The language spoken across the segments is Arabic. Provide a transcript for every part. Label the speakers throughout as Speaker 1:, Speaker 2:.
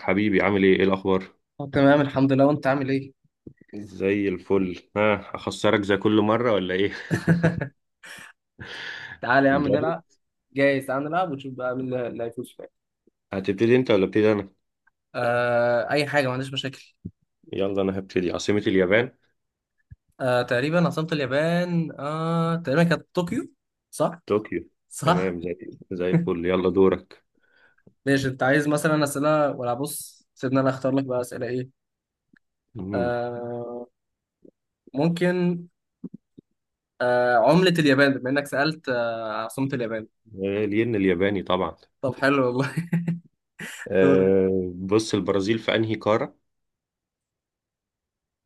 Speaker 1: حبيبي، عامل ايه؟ ايه الاخبار؟
Speaker 2: تمام، الحمد لله. وانت عامل ايه؟
Speaker 1: زي الفل. ها، اخسرك زي كل مره ولا ايه؟
Speaker 2: تعالى يا عم
Speaker 1: جاهز.
Speaker 2: نلعب. جايز تعالى نلعب ونشوف بقى مين اللي هيفوز فيها.
Speaker 1: هتبتدي انت ولا ابتدي انا؟
Speaker 2: اي حاجه، ما عنديش مشاكل.
Speaker 1: يلا، انا هبتدي. عاصمه اليابان؟
Speaker 2: تقريبا عاصمه اليابان، تقريبا كانت طوكيو، صح؟
Speaker 1: طوكيو.
Speaker 2: صح.
Speaker 1: تمام، زي الفل. يلا دورك.
Speaker 2: ماشي، انت عايز مثلا اسئله ولا بص؟ سيبنا، انا اختار لك بقى اسئله ايه؟
Speaker 1: مم.
Speaker 2: آه ممكن. عمله اليابان، بما انك سالت عاصمه اليابان.
Speaker 1: الين الياباني طبعا.
Speaker 2: طب حلو والله. دور.
Speaker 1: بص، البرازيل في انهي قاره؟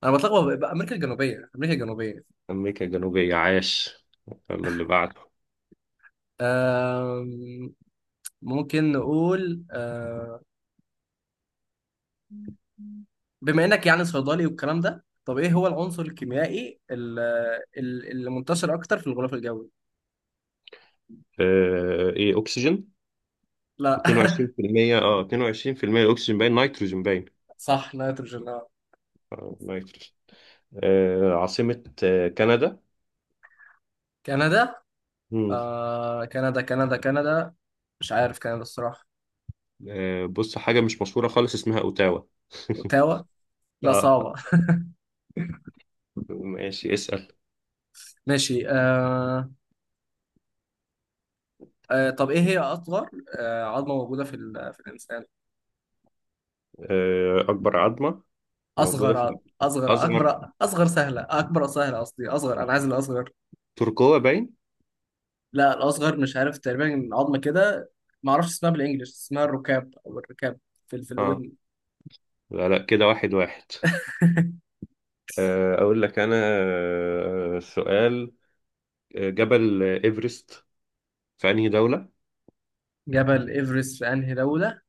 Speaker 2: انا بتلخبط بقى، امريكا الجنوبيه، امريكا الجنوبيه.
Speaker 1: امريكا الجنوبيه، عاش. يلا اللي بعده.
Speaker 2: آه ممكن نقول، بما انك يعني صيدلي والكلام ده، طب ايه هو العنصر الكيميائي اللي منتشر اكتر في الغلاف الجوي؟
Speaker 1: ايه، اكسجين؟
Speaker 2: لا.
Speaker 1: 22%. اه، 22%. اكسجين باين، نيتروجين باين.
Speaker 2: صح، نيتروجين آه.
Speaker 1: نيتروجين. عاصمة كندا؟
Speaker 2: كندا.
Speaker 1: مم.
Speaker 2: كندا كندا كندا. مش عارف كندا الصراحة.
Speaker 1: بص، حاجة مش مشهورة خالص، اسمها أوتاوا.
Speaker 2: اوتاوا. لا
Speaker 1: اه،
Speaker 2: صعبة.
Speaker 1: ماشي، اسأل.
Speaker 2: ماشي. طب ايه هي اصغر عظمة موجودة في الانسان؟
Speaker 1: أكبر عظمة موجودة
Speaker 2: اصغر
Speaker 1: في
Speaker 2: اصغر
Speaker 1: أصغر.
Speaker 2: اكبر اصغر سهلة اكبر سهلة، قصدي اصغر، انا عايز الاصغر.
Speaker 1: تركوة باين.
Speaker 2: لا الاصغر مش عارف، تقريبا عظمه كده. ما اعرفش اسمها بالانجلش، اسمها الركاب او الركاب. في في
Speaker 1: اه،
Speaker 2: الودن.
Speaker 1: لا لا، كده واحد واحد. أقول لك أنا. سؤال. جبل إيفرست في أنهي دولة؟
Speaker 2: جبل ايفرست في انهي دوله؟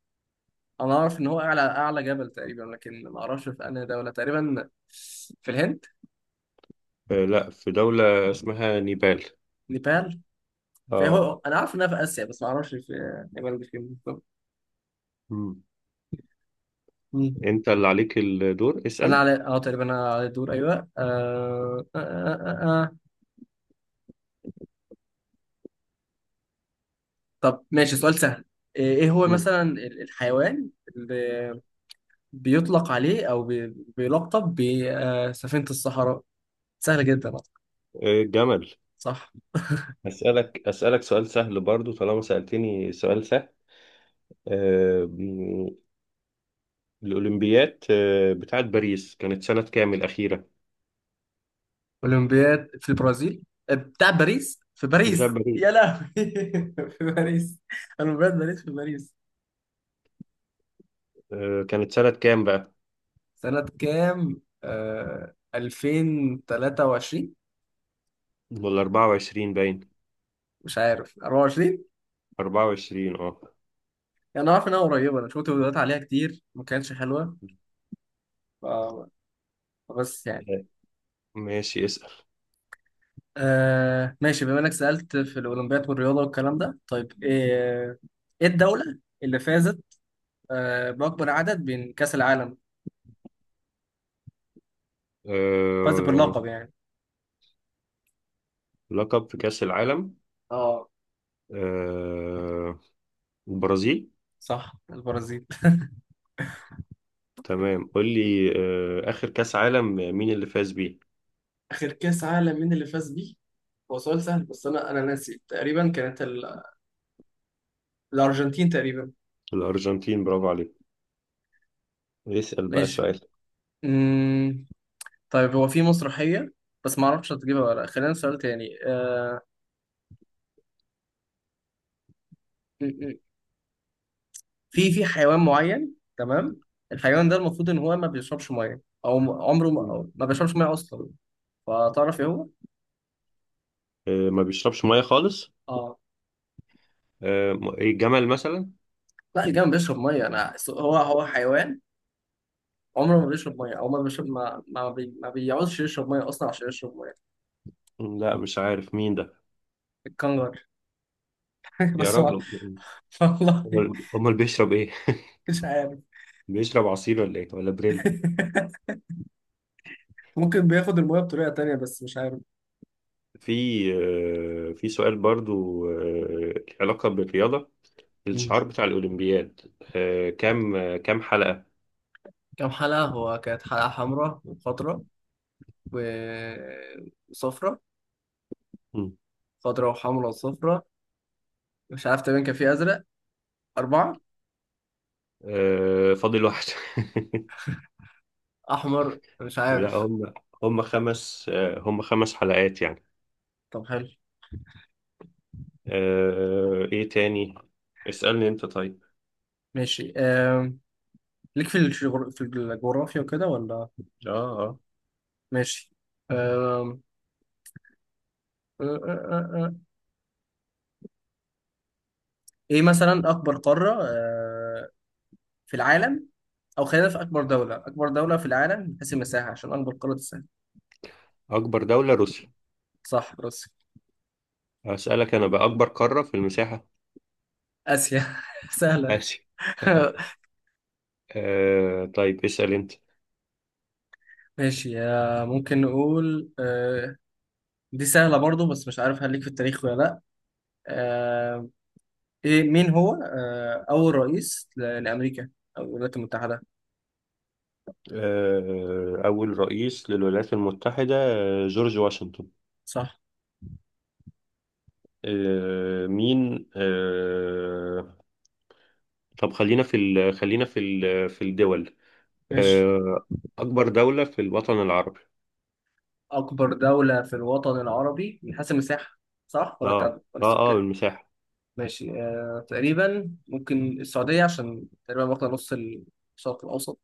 Speaker 2: انا اعرف ان هو اعلى اعلى جبل تقريبا، لكن ما اعرفش في انهي دوله تقريبا. في الهند.
Speaker 1: لا، في دولة اسمها نيبال.
Speaker 2: نيبال. في،
Speaker 1: اه.
Speaker 2: هو انا عارف انها في اسيا، بس ما اعرفش في نيبال دي فين بالظبط.
Speaker 1: مم.
Speaker 2: مم.
Speaker 1: أنت اللي عليك الدور،
Speaker 2: انا
Speaker 1: اسأل.
Speaker 2: على اه تقريبا انا على الدور، ايوه. طب ماشي، سؤال سهل. إيه هو
Speaker 1: مم.
Speaker 2: مثلا الحيوان اللي بيطلق عليه، او بيلقب بسفينة الصحراء؟ سهلة جدا أصلاً.
Speaker 1: جمل.
Speaker 2: صح.
Speaker 1: أسألك سؤال سهل برضو، طالما سألتني سؤال سهل. آه، الأولمبيات بتاعت باريس، كانت سنة كام الأخيرة؟
Speaker 2: اولمبياد في البرازيل. بتاع باريس في
Speaker 1: بتاعت
Speaker 2: باريس،
Speaker 1: باريس.
Speaker 2: يا لهوي. في باريس. اولمبياد باريس في باريس.
Speaker 1: كانت سنة كام بقى؟
Speaker 2: سنة كام؟ 2023.
Speaker 1: ولا 24 باين.
Speaker 2: مش عارف، 24.
Speaker 1: 24، اه.
Speaker 2: يعني انا عارف انها قريبة، انا شفت فيديوهات عليها كتير ما كانتش حلوة، ف- بس يعني.
Speaker 1: آه، ماشي، اسأل.
Speaker 2: ماشي، بما انك سألت في الاولمبياد والرياضة والكلام ده، طيب ايه الدولة اللي فازت بأكبر عدد بين كأس العالم؟ فاز
Speaker 1: آه،
Speaker 2: باللقب يعني.
Speaker 1: لقب في كأس العالم.
Speaker 2: اه
Speaker 1: آه، البرازيل.
Speaker 2: صح، البرازيل.
Speaker 1: تمام، قول لي. آخر كأس عالم مين اللي فاز بيه؟
Speaker 2: اخر كاس عالم مين اللي فاز بيه؟ هو سؤال سهل بس انا انا ناسي، تقريبا كانت الارجنتين تقريبا.
Speaker 1: الأرجنتين، برافو عليك. اسأل بقى
Speaker 2: ماشي.
Speaker 1: سؤال.
Speaker 2: مم. طيب هو في مسرحية، بس ما اعرفش هتجيبها ولا لأ. خلينا سؤال تاني. آه، م- م. في في حيوان معين، تمام. الحيوان ده المفروض ان هو ما بيشربش ميه، او عمره ما، أو ما بيشربش ميه اصلا. فتعرف ايه هو؟
Speaker 1: ما بيشربش مية خالص.
Speaker 2: اه
Speaker 1: إيه، جمل مثلا؟
Speaker 2: لا، الجمل بيشرب ميه. انا هو حيوان عمره ما بيشرب ميه، عمره ما بيشرب ما بيعوزش يشرب ميه اصلا عشان يشرب ميه.
Speaker 1: لا، مش عارف مين ده.
Speaker 2: الكنجر.
Speaker 1: يا
Speaker 2: بس ما...
Speaker 1: راجل.
Speaker 2: والله.
Speaker 1: أمال بيشرب ايه؟
Speaker 2: مش عارف.
Speaker 1: بيشرب عصير ولا ايه ولا بريل؟
Speaker 2: ممكن بياخد الميه بطريقه تانية، بس مش عارف.
Speaker 1: في. في سؤال برضو، له علاقة بالرياضة.
Speaker 2: مم.
Speaker 1: الشعار بتاع الأولمبياد، كام حلقة؟
Speaker 2: كام حلقة؟ هو كانت حلقة حمراء وخضراء وصفراء،
Speaker 1: مم.
Speaker 2: خضراء وحمراء وصفراء. مش عارف، تقريبا كان في أزرق. أربعة.
Speaker 1: فاضل واحد.
Speaker 2: أحمر، مش
Speaker 1: لا،
Speaker 2: عارف.
Speaker 1: هم. هم خمس آه، هم خمس حلقات يعني.
Speaker 2: طب حلو.
Speaker 1: ايه تاني؟ اسألني انت طيب.
Speaker 2: ماشي. ليك في في الجغرافيا وكده ولا؟
Speaker 1: اه اه.
Speaker 2: ماشي. أم... آه، آه، آه، ايه مثلا اكبر قارة في العالم؟ او خلينا في اكبر دولة، اكبر دولة في العالم من حيث المساحة، عشان اكبر قارة تسهل.
Speaker 1: اكبر دولة روسيا.
Speaker 2: صح، روسيا.
Speaker 1: اسألك انا بقى، اكبر قارة في المساحة؟
Speaker 2: اسيا، سهلة.
Speaker 1: آسيا. طيب، اسأل انت.
Speaker 2: ماشي. ممكن نقول دي سهلة برضو، بس مش عارف هل ليك في التاريخ ولا لا. آه، ايه مين هو اول رئيس لامريكا او الولايات المتحدة؟
Speaker 1: أول رئيس للولايات المتحدة، جورج واشنطن.
Speaker 2: صح.
Speaker 1: آه، مين آه، طب خلينا في في الدول.
Speaker 2: ماشي،
Speaker 1: آه، أكبر دولة في الوطن العربي.
Speaker 2: اكبر دولة في الوطن العربي من حيث المساحة صح؟ ولا
Speaker 1: اه
Speaker 2: تعدد ولا
Speaker 1: اه اه،
Speaker 2: السكان؟
Speaker 1: بالمساحة.
Speaker 2: ماشي، تقريبا ممكن السعودية، عشان تقريبا واخدة نص الشرق الأوسط.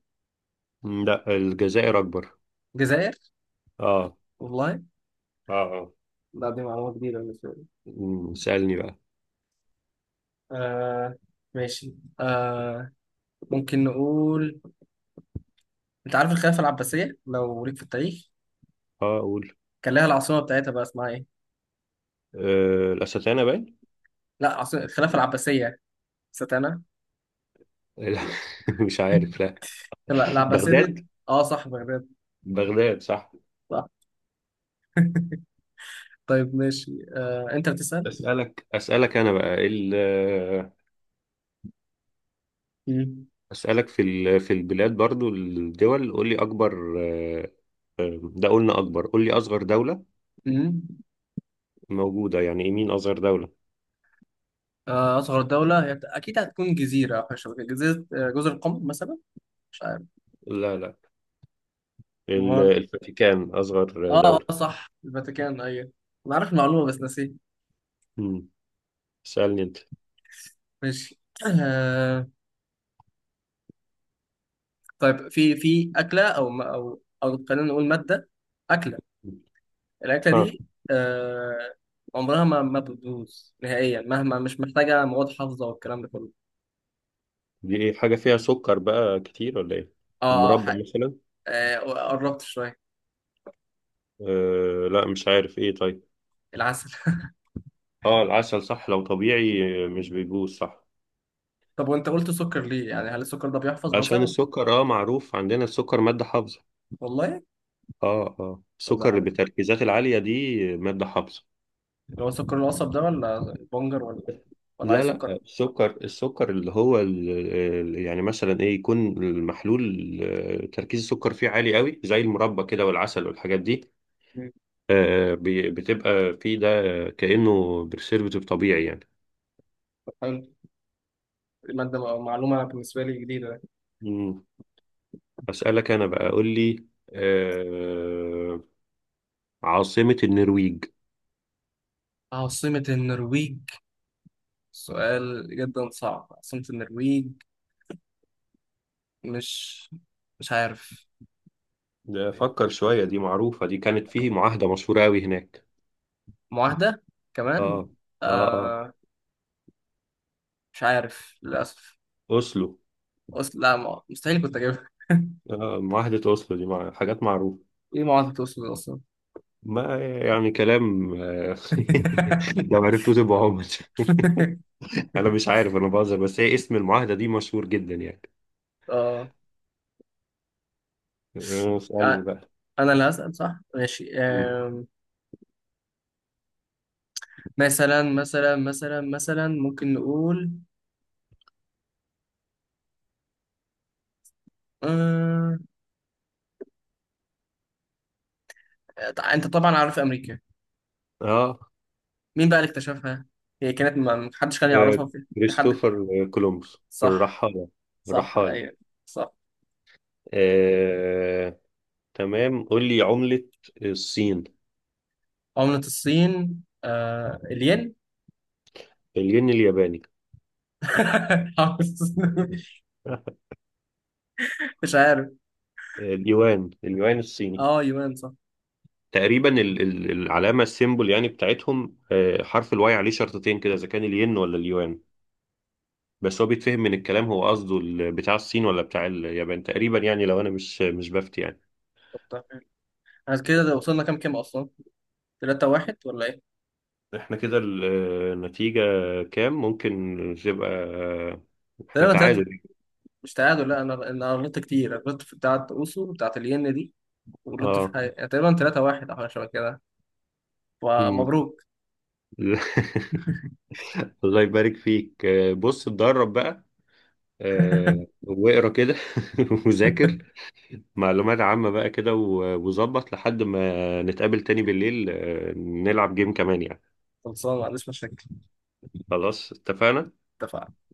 Speaker 1: م، لا، الجزائر أكبر.
Speaker 2: الجزائر؟
Speaker 1: اه
Speaker 2: والله.
Speaker 1: اه اه.
Speaker 2: لا دي معلومة جديدة بالنسبة لي.
Speaker 1: م، سألني بقى.
Speaker 2: آه ماشي آه ممكن نقول، أنت عارف الخلافة العباسية لو ليك في التاريخ؟
Speaker 1: اه، أقول.
Speaker 2: كان لها العاصمة بتاعتها، بقى اسمها إيه؟
Speaker 1: الأستانة باين.
Speaker 2: لا، عاصمة الخلافة العباسية. نسيت أنا.
Speaker 1: لا. مش عارف، لا.
Speaker 2: لا العباسية
Speaker 1: بغداد.
Speaker 2: دي. أه صح، بغداد.
Speaker 1: بغداد، صح.
Speaker 2: صح. طيب ماشي، أنت بتسأل؟
Speaker 1: أسألك أنا بقى ال
Speaker 2: مم.
Speaker 1: أسألك في ال- في البلاد برضو الدول، قول لي أكبر. ده قلنا أكبر، قول لي أصغر دولة
Speaker 2: مم.
Speaker 1: موجودة. يعني إيه مين أصغر دولة؟
Speaker 2: أصغر دولة هي أكيد هتكون جزيرة أو حاجة شبه كده، جزيرة جزر القمر مثلا. مش عارف.
Speaker 1: لا لا،
Speaker 2: امال.
Speaker 1: الفاتيكان أصغر
Speaker 2: اه،
Speaker 1: دولة.
Speaker 2: صح الفاتيكان ايوه. انا عارف المعلومه بس نسيت.
Speaker 1: مم. اسألني أنت.
Speaker 2: ماشي. آه طيب في في اكله، او خلينا نقول ماده، اكله، الاكله
Speaker 1: اه،
Speaker 2: دي آه عمرها ما بتبوظ نهائيا، مهما، مش محتاجه مواد حافظه والكلام ده كله.
Speaker 1: دي إيه؟ حاجة فيها سكر بقى كتير ولا إيه؟
Speaker 2: اه،
Speaker 1: المربى مثلا.
Speaker 2: آه قربت شويه.
Speaker 1: آه، لا، مش عارف إيه طيب.
Speaker 2: العسل.
Speaker 1: اه، العسل، صح. لو طبيعي مش بيبوظ، صح.
Speaker 2: طب وانت قلت سكر ليه؟ يعني هل السكر ده بيحفظ
Speaker 1: عشان
Speaker 2: مثلا؟
Speaker 1: السكر، معروف عندنا السكر مادة حافظة.
Speaker 2: والله.
Speaker 1: اه اه،
Speaker 2: طب ده
Speaker 1: السكر
Speaker 2: حلو.
Speaker 1: بالتركيزات العالية دي مادة حافظة.
Speaker 2: اللي هو سكر القصب ده ولا البنجر ولا ولا اي
Speaker 1: لا
Speaker 2: سكر؟
Speaker 1: لا، السكر اللي هو يعني مثلا ايه يكون المحلول، تركيز السكر فيه عالي قوي، زي المربى كده والعسل والحاجات دي.
Speaker 2: مم.
Speaker 1: بتبقى فيه ده، كأنه برسيرفيتيف طبيعي يعني.
Speaker 2: طب حلو. مادة معلومة بالنسبة لي جديدة.
Speaker 1: مم. أسألك انا بقى، قول لي آه، عاصمة النرويج.
Speaker 2: عاصمة النرويج. سؤال جدا صعب، عاصمة النرويج. مش مش عارف.
Speaker 1: ده فكر شوية، دي معروفة، دي كانت فيه معاهدة مشهورة قوي هناك.
Speaker 2: معاهدة؟ كمان.
Speaker 1: اه اه اه.
Speaker 2: آه مش عارف للأسف.
Speaker 1: أوسلو.
Speaker 2: أصل لا، مستحيل كنت أجيبها.
Speaker 1: آه، معاهدة أوسلو دي مع... حاجات معروفة.
Speaker 2: إيه معاهدة أوسلو أصلا؟
Speaker 1: ما يعني كلام. لو عرفتوه تبقى عمر. انا مش عارف، انا بهزر، بس هي اسم المعاهده دي مشهور جدا يعني.
Speaker 2: آه
Speaker 1: اسالني
Speaker 2: آه،
Speaker 1: بقى.
Speaker 2: أنا اللي هسأل صح؟ ماشي.
Speaker 1: مم.
Speaker 2: مثلا ممكن نقول آه أنت طبعا عارف أمريكا،
Speaker 1: اه.
Speaker 2: مين بقى اللي اكتشفها؟ هي كانت ما حدش كان
Speaker 1: آه،
Speaker 2: يعرفها في، حد.
Speaker 1: كريستوفر كولومبوس
Speaker 2: صح.
Speaker 1: الرحاله.
Speaker 2: صح
Speaker 1: الرحال.
Speaker 2: ايوه. صح.
Speaker 1: آه، تمام، قول لي عمله الصين.
Speaker 2: عملة الصين الين.
Speaker 1: الين الياباني.
Speaker 2: عملة الصين.
Speaker 1: آه،
Speaker 2: مش عارف.
Speaker 1: اليوان، اليوان الصيني.
Speaker 2: اه، يوان، صح.
Speaker 1: تقريبا العلامه، السيمبل يعني بتاعتهم، حرف الواي عليه شرطتين كده، اذا كان الين ولا اليوان. بس هو بيتفهم من الكلام، هو قصده ال- بتاع الصين ولا بتاع اليابان تقريبا يعني، لو انا مش بفتي يعني.
Speaker 2: طب تمام. احنا كده ده وصلنا كام اصلا، 3-1 ولا ايه؟
Speaker 1: احنا كده النتيجة كام ممكن تبقى؟ احنا
Speaker 2: تقريبا 3.
Speaker 1: تعادل.
Speaker 2: مش تعادل لا، انا انا غلطت كتير، أنا غلطت في بتاعه اوسو بتاعه الين دي، وغلطت في
Speaker 1: اه.
Speaker 2: حاجه، يعني تقريبا 3-1 او حاجه شبه كده.
Speaker 1: مم.
Speaker 2: ومبروك.
Speaker 1: الله يبارك فيك. بص، اتدرب بقى واقرا كده وذاكر معلومات عامة بقى كده، وظبط لحد ما نتقابل تاني بالليل، نلعب جيم كمان يعني.
Speaker 2: خلصان، ما عنديش مشاكل.
Speaker 1: خلاص، اتفقنا.
Speaker 2: اتفقنا.